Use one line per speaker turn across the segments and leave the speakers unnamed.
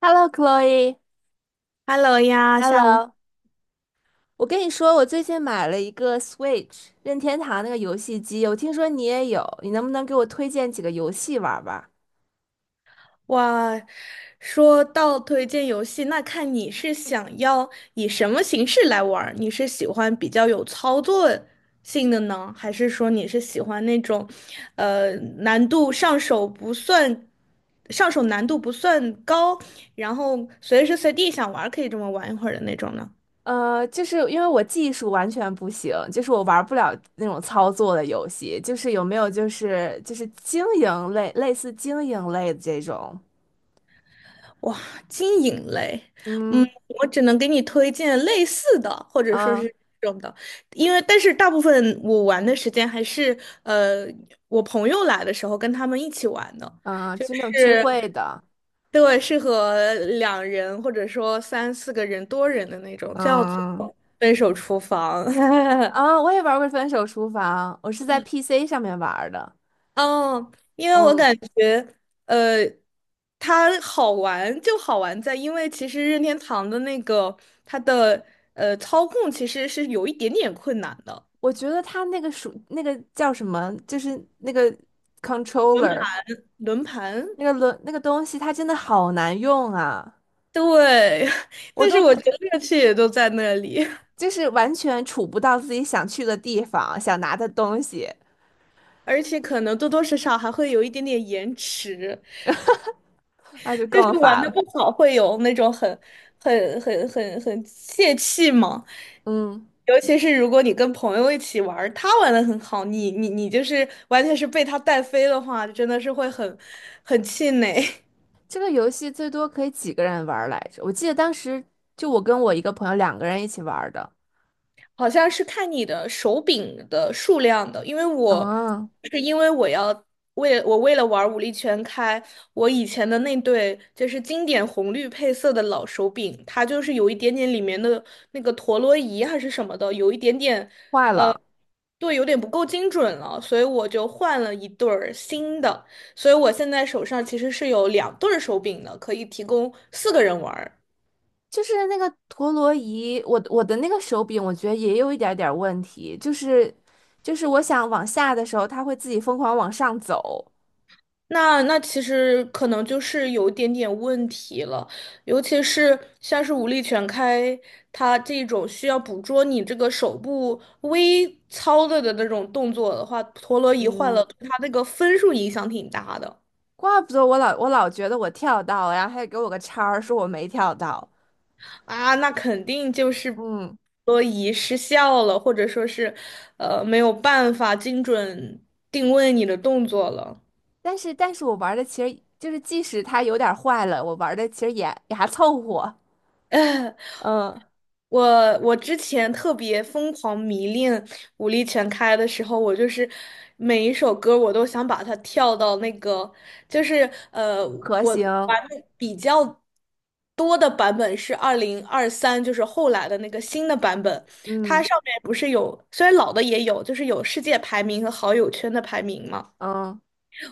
Hello，Chloe，Hello，
Hello 呀，下午。
我跟你说，我最近买了一个 Switch 任天堂那个游戏机，我听说你也有，你能不能给我推荐几个游戏玩儿吧？
哇，说到推荐游戏，那看你是想要以什么形式来玩儿？你是喜欢比较有操作性的呢，还是说你是喜欢那种，呃，难度上手不算，上手难度不算高，然后随时随地想玩儿可以这么玩一会儿的那种呢？
就是因为我技术完全不行，就是我玩不了那种操作的游戏，就是有没有就是经营类，类似经营类的这种。
哇，经营类，
嗯
我只能给你推荐类似的，或者说是
嗯
这种的，因为但是大部分我玩的时间还是呃我朋友来的时候跟他们一起玩的，
嗯，就那种聚
是，
会的。
对，是和两人或者说三四个人多人的那种，叫做
嗯。
分手厨房。
啊，我也玩过《分手厨房》，我是在 PC 上面玩儿的。
哦，因为我
嗯
感觉，呃，它好玩就好玩在，因为其实任天堂的那个它的操控其实是有一点点困难的，
我觉得它那个叫什么，就是那个 controller
轮盘，
那个轮那个东西，它真的好难用啊！
对，
我
但是
都不
我觉得乐趣也都在那里，
就是完全触不到自己想去的地方，想拿的东西，
而且可能多多少少还会有一点点延迟。
那就
就
更
是玩
烦
的
了。
不好，会有那种很泄气嘛。
嗯，
尤其是如果你跟朋友一起玩儿他玩的很好，你就是完全是被他带飞的话，真的是会很气馁。
这个游戏最多可以几个人玩儿来着？我记得当时就我跟我一个朋友两个人一起玩儿的。
好像是看你的手柄的数量的，因为我
嗯，
是因为我要为我为了玩武力全开，我以前的那对就是经典红绿配色的老手柄，它就是有一点点里面的那个陀螺仪还是什么的，有一点点
坏
呃，
了。
对，有点不够精准了，所以我就换了一对儿新的，所以我现在手上其实是有两对儿手柄的，可以提供四个人玩儿。
就是那个陀螺仪，我的那个手柄，我觉得也有一点点问题，就是我想往下的时候，它会自己疯狂往上走。
那其实可能就是有一点点问题了，尤其是像是武力全开，它这种需要捕捉你这个手部微操作的那种动作的话，陀螺仪坏了，
嗯
对它那个分数影响挺大的。
怪不得我老觉得我跳到了，然后还给我个叉儿，说我没跳到。
啊，那肯定就是
嗯，
陀螺仪失效了，或者说是没有办法精准定位你的动作了。
但是我玩的其实就是，即使它有点坏了，我玩的其实也还凑合。嗯，
我之前特别疯狂迷恋武力全开的时候，我就是每一首歌我都想把它跳到那个，就是呃，
可
我
行。
玩的比较多的版本是二零二三，就是后来的那个新的版本，它
嗯
上面不是有，虽然老的也有，就是有世界排名和好友圈的排名嘛，
嗯，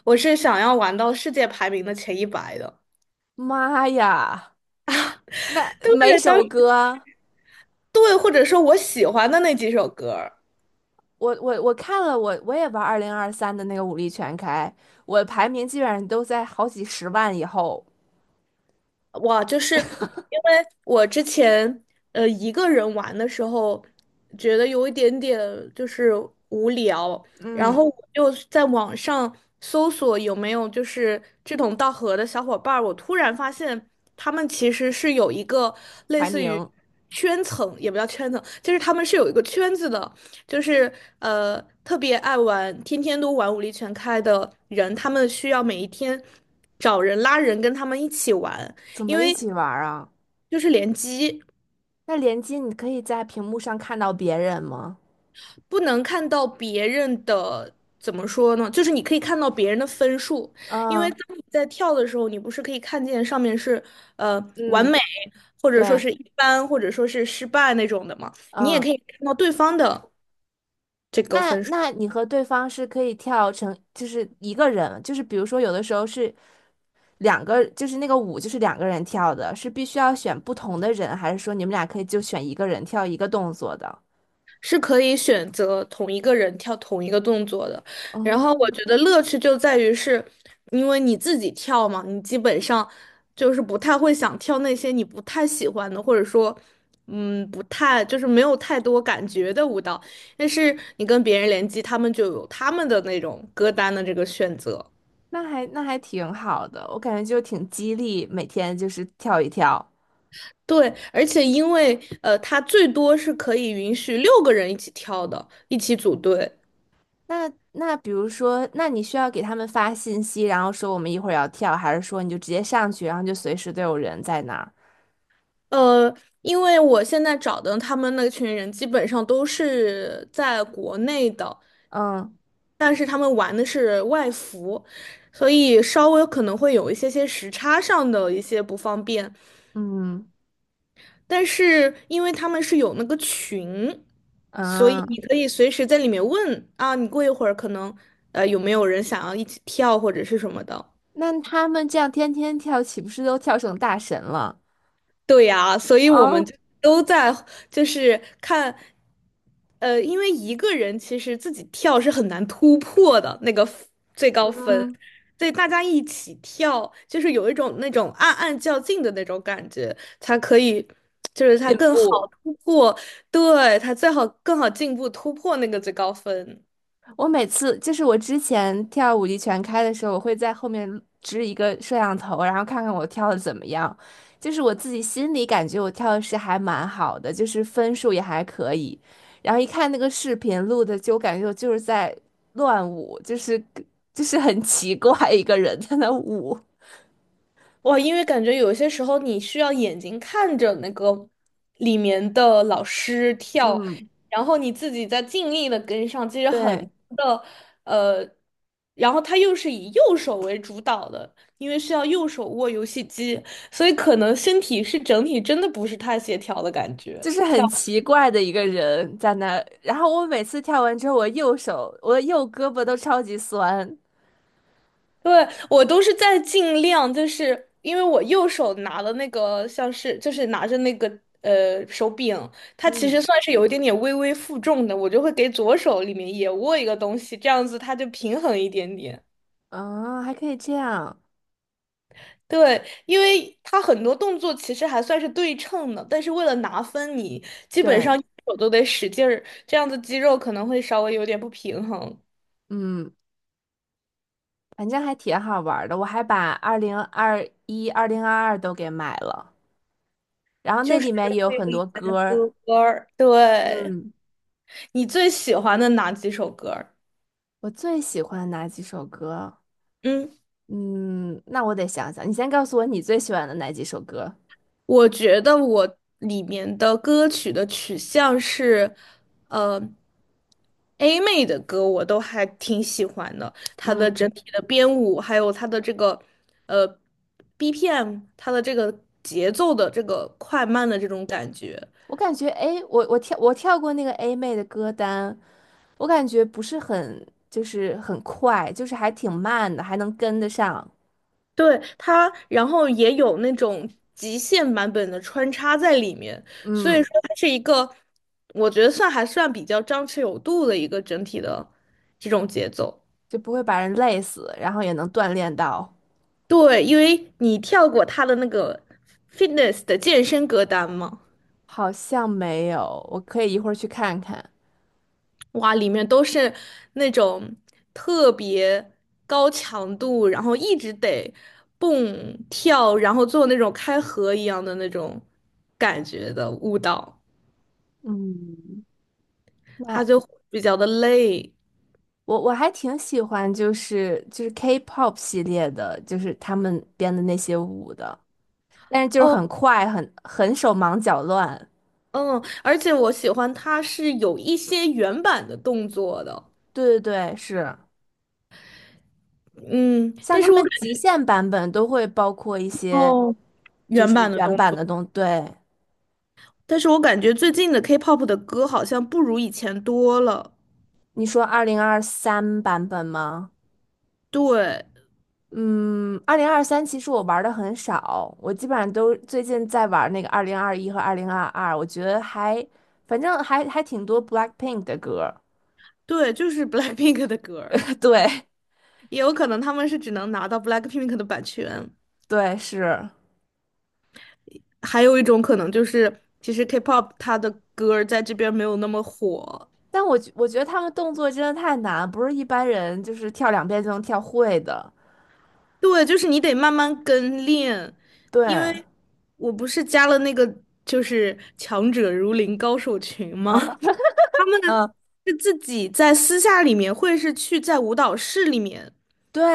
我是想要玩到世界排名的前100的。
妈呀，那
对，
每首歌。
或者说我喜欢的那几首歌。
我看了，我也玩二零二三的那个武力全开，我排名基本上都在好几十万以后。
哇，就是因为我之前一个人玩的时候，觉得有一点点就是无聊，然
嗯，
后我就在网上搜索有没有就是志同道合的小伙伴儿，我突然发现他们其实是有一个类
排
似于
名。
圈层，也不叫圈层，就是他们是有一个圈子的，就是特别爱玩，天天都玩武力全开的人，他们需要每一天找人拉人跟他们一起玩。
怎
因
么一
为
起玩儿啊？
就是联机
那联机你可以在屏幕上看到别人吗？
不能看到别人的，怎么说呢？就是你可以看到别人的分数，因为
嗯
当你在跳的时候，你不是可以看见上面是呃完
嗯，
美，或者说
对，
是一般，或者说是失败那种的嘛？你也
嗯，
可以看到对方的这个
那
分数。
那你和对方是可以跳成就是一个人，就是比如说有的时候是两个，就是那个舞就是两个人跳的，是必须要选不同的人，还是说你们俩可以就选一个人跳一个动作的？
是可以选择同一个人跳同一个动作的。然后我
哦，
觉得乐趣就在于是，因为你自己跳嘛，你基本上就是不太会想跳那些你不太喜欢的，或者说，不太就是没有太多感觉的舞蹈。但是你跟别人联机，他们就有他们的那种歌单的这个选择。
那还那还挺好的，我感觉就挺激励，每天就是跳一跳。
对，而且因为它最多是可以允许六个人一起跳的，一起组队。
那比如说，那你需要给他们发信息，然后说我们一会儿要跳，还是说你就直接上去，然后就随时都有人在那儿？
呃，因为我现在找的他们那群人基本上都是在国内的，
嗯
但是他们玩的是外服，所以稍微可能会有一些些时差上的一些不方便。
嗯
但是因为他们是有那个群，所以
嗯，
你可以随时在里面问啊，你过一会儿可能有没有人想要一起跳或者是什么的。
那他们这样天天跳，岂不是都跳成大神了？
对呀，所以我
啊。
们就都在就是看，因为一个人其实自己跳是很难突破的那个 最高分，
嗯，
所以大家一起跳，就是有一种那种暗暗较劲的那种感觉，才可以，就是他
进
更好
步。
突破，对，他最好更好进步突破那个最高分。
我每次就是我之前跳舞力全开的时候，我会在后面支一个摄像头，然后看看我跳的怎么样。就是我自己心里感觉我跳的是还蛮好的，就是分数也还可以。然后一看那个视频录的，就感觉我就是在乱舞，就是很奇怪一个人在那舞。
哇，因为感觉有些时候你需要眼睛看着那个里面的老师跳，
嗯，
然后你自己在尽力的跟上，其实很
对，
多的，呃，然后他又是以右手为主导的，因为需要右手握游戏机，所以可能身体是整体真的不是太协调的感觉。
就是
跳。
很奇怪的一个人在那儿。然后我每次跳完之后，我右手我右胳膊都超级酸。
对，我都是在尽量，就是因为我右手拿的那个像是就是拿着那个手柄，它其
嗯。
实算是有一点点微微负重的，我就会给左手里面也握一个东西，这样子它就平衡一点点。
嗯，还可以这样，
对，因为它很多动作其实还算是对称的，但是为了拿分你，基本上
对，
右手都得使劲儿，这样子肌肉可能会稍微有点不平衡，
嗯，反正还挺好玩儿的。我还把二零二一、二零二二都给买了，然后那
就是
里面也有
会有
很
以
多
前
歌
的
儿。
歌儿。对，
嗯，
你最喜欢的哪几首歌儿？
我最喜欢哪几首歌？
嗯，
嗯，那我得想想。你先告诉我你最喜欢的哪几首歌？
我觉得我里面的歌曲的取向是，呃，A 妹的歌我都还挺喜欢的，她的整
嗯，
体的编舞，还有她的这个呃 BPM，她的这个节奏的这个快慢的这种感觉，
我感觉，哎，我跳过那个 A 妹的歌单，我感觉不是很，就是很快，就是还挺慢的，还能跟得上。
对它，然后也有那种极限版本的穿插在里面，所以
嗯，
说它是一个，我觉得算还算比较张弛有度的一个整体的这种节奏。
就不会把人累死，然后也能锻炼到。
对，因为你跳过他的那个 fitness 的健身歌单嘛，
好像没有，我可以一会儿去看看。
哇，里面都是那种特别高强度，然后一直得蹦跳，然后做那种开合一样的那种感觉的舞蹈，
嗯，那
它就比较的累。
我还挺喜欢，就是 K-pop 系列的，就是他们编的那些舞的，但是就是
哦，
很快，很手忙脚乱。
嗯，而且我喜欢它是有一些原版的动作的，
对对对，是，
嗯，
像
但
他
是我
们
感
极
觉
限版本都会包括一些
哦，
就
原
是
版的
原
动
版
作。
的东，对，
但是我感觉最近的 K-pop 的歌好像不如以前多了。
你说二零二三版本吗？
对，
嗯，二零二三其实我玩的很少，我基本上都最近在玩那个二零二一和二零二二，我觉得还反正还还挺多 Blackpink 的歌儿。
对，就是 BLACKPINK 的歌儿，
对
也有可能他们是只能拿到 BLACKPINK 的版权。
对是，
还有一种可能就是，其实 K-pop 它的歌儿在这边没有那么火。
但我觉得他们动作真的太难，不是一般人就是跳两遍就能跳会的。
对，就是你得慢慢跟练，
对。
因为我不是加了那个就是强者如林高手群吗？他们
嗯，
是自己在私下里面，会是去在舞蹈室里面。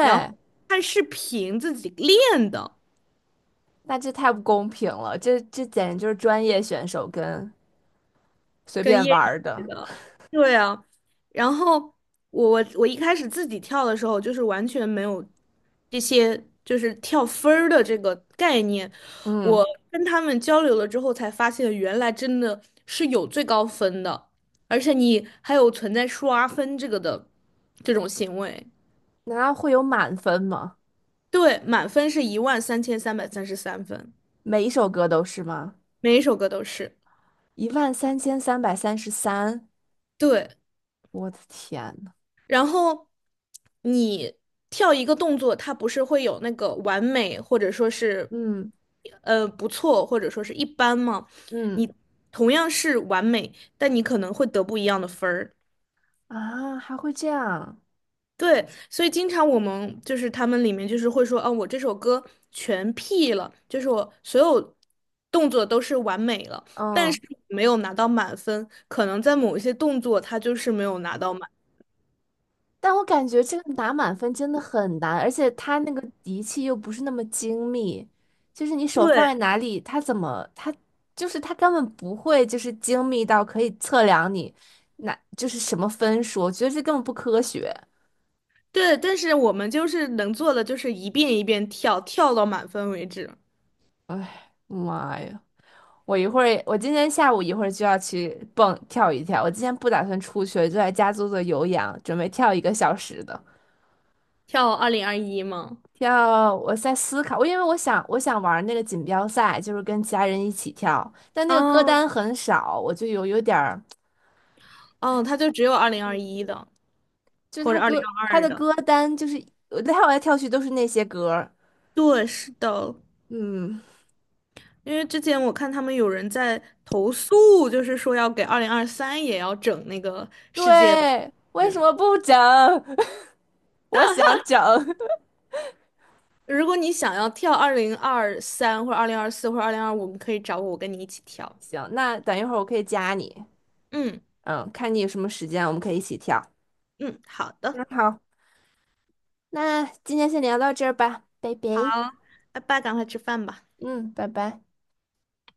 然后看视频自己练的，
那这太不公平了，这简直就是专业选手跟随
跟
便
业
玩儿
余
的。
的，对啊。然后我一开始自己跳的时候，就是完全没有这些就是跳分儿的这个概念。
嗯，
我跟他们交流了之后，才发现原来真的是有最高分的，而且你还有存在刷分这个的这种行为。
难道会有满分吗？
对，满分是13333分，
每一首歌都是吗？
每一首歌都是。
13,333，
对。
我的天呐。
然后你跳一个动作，它不是会有那个完美，或者说是
嗯
不错，或者说是一般吗？
嗯。
你同样是完美，但你可能会得不一样的分儿。
啊，还会这样。
对，所以经常我们就是他们里面就是会说，啊，我这首歌全 P 了，就是我所有动作都是完美了，但是
嗯，
没有拿到满分，可能在某一些动作它就是没有拿到满。
但我感觉这个拿满分真的很难，而且他那个仪器又不是那么精密，就是你手放
对。
在哪里，他根本不会就是精密到可以测量你那就是什么分数，我觉得这根本不科学。
对，但是我们就是能做的就是一遍一遍跳，跳到满分为止。
哎，妈呀！我今天下午一会儿就要去蹦跳一跳。我今天不打算出去，就在家做做有氧，准备跳一个小时的。
跳二零二一吗？
跳，我在思考，我因为我想我想玩那个锦标赛，就是跟其他人一起跳，但那个歌
哦
单很少，我就有点儿，
哦，他就只有二零二一的
就是
或
他
者二零
歌
二
他
二
的
的。
歌单就是我跳来跳去都是那些歌儿。
对，是的，
嗯，
因为之前我看他们有人在投诉，就是说要给二零二三也要整那个世界杯。
对，为什么不整？我想整。
如果你想要跳二零二三或者2024或者2025，你可以找我，我跟你一起跳。
行，那等一会儿我可以加你。
嗯
嗯，看你有什么时间，我们可以一起跳。
嗯，好
嗯，
的，
好。那今天先聊到这儿吧，拜
好，
拜。
拜拜，赶快吃饭吧。
嗯，拜拜。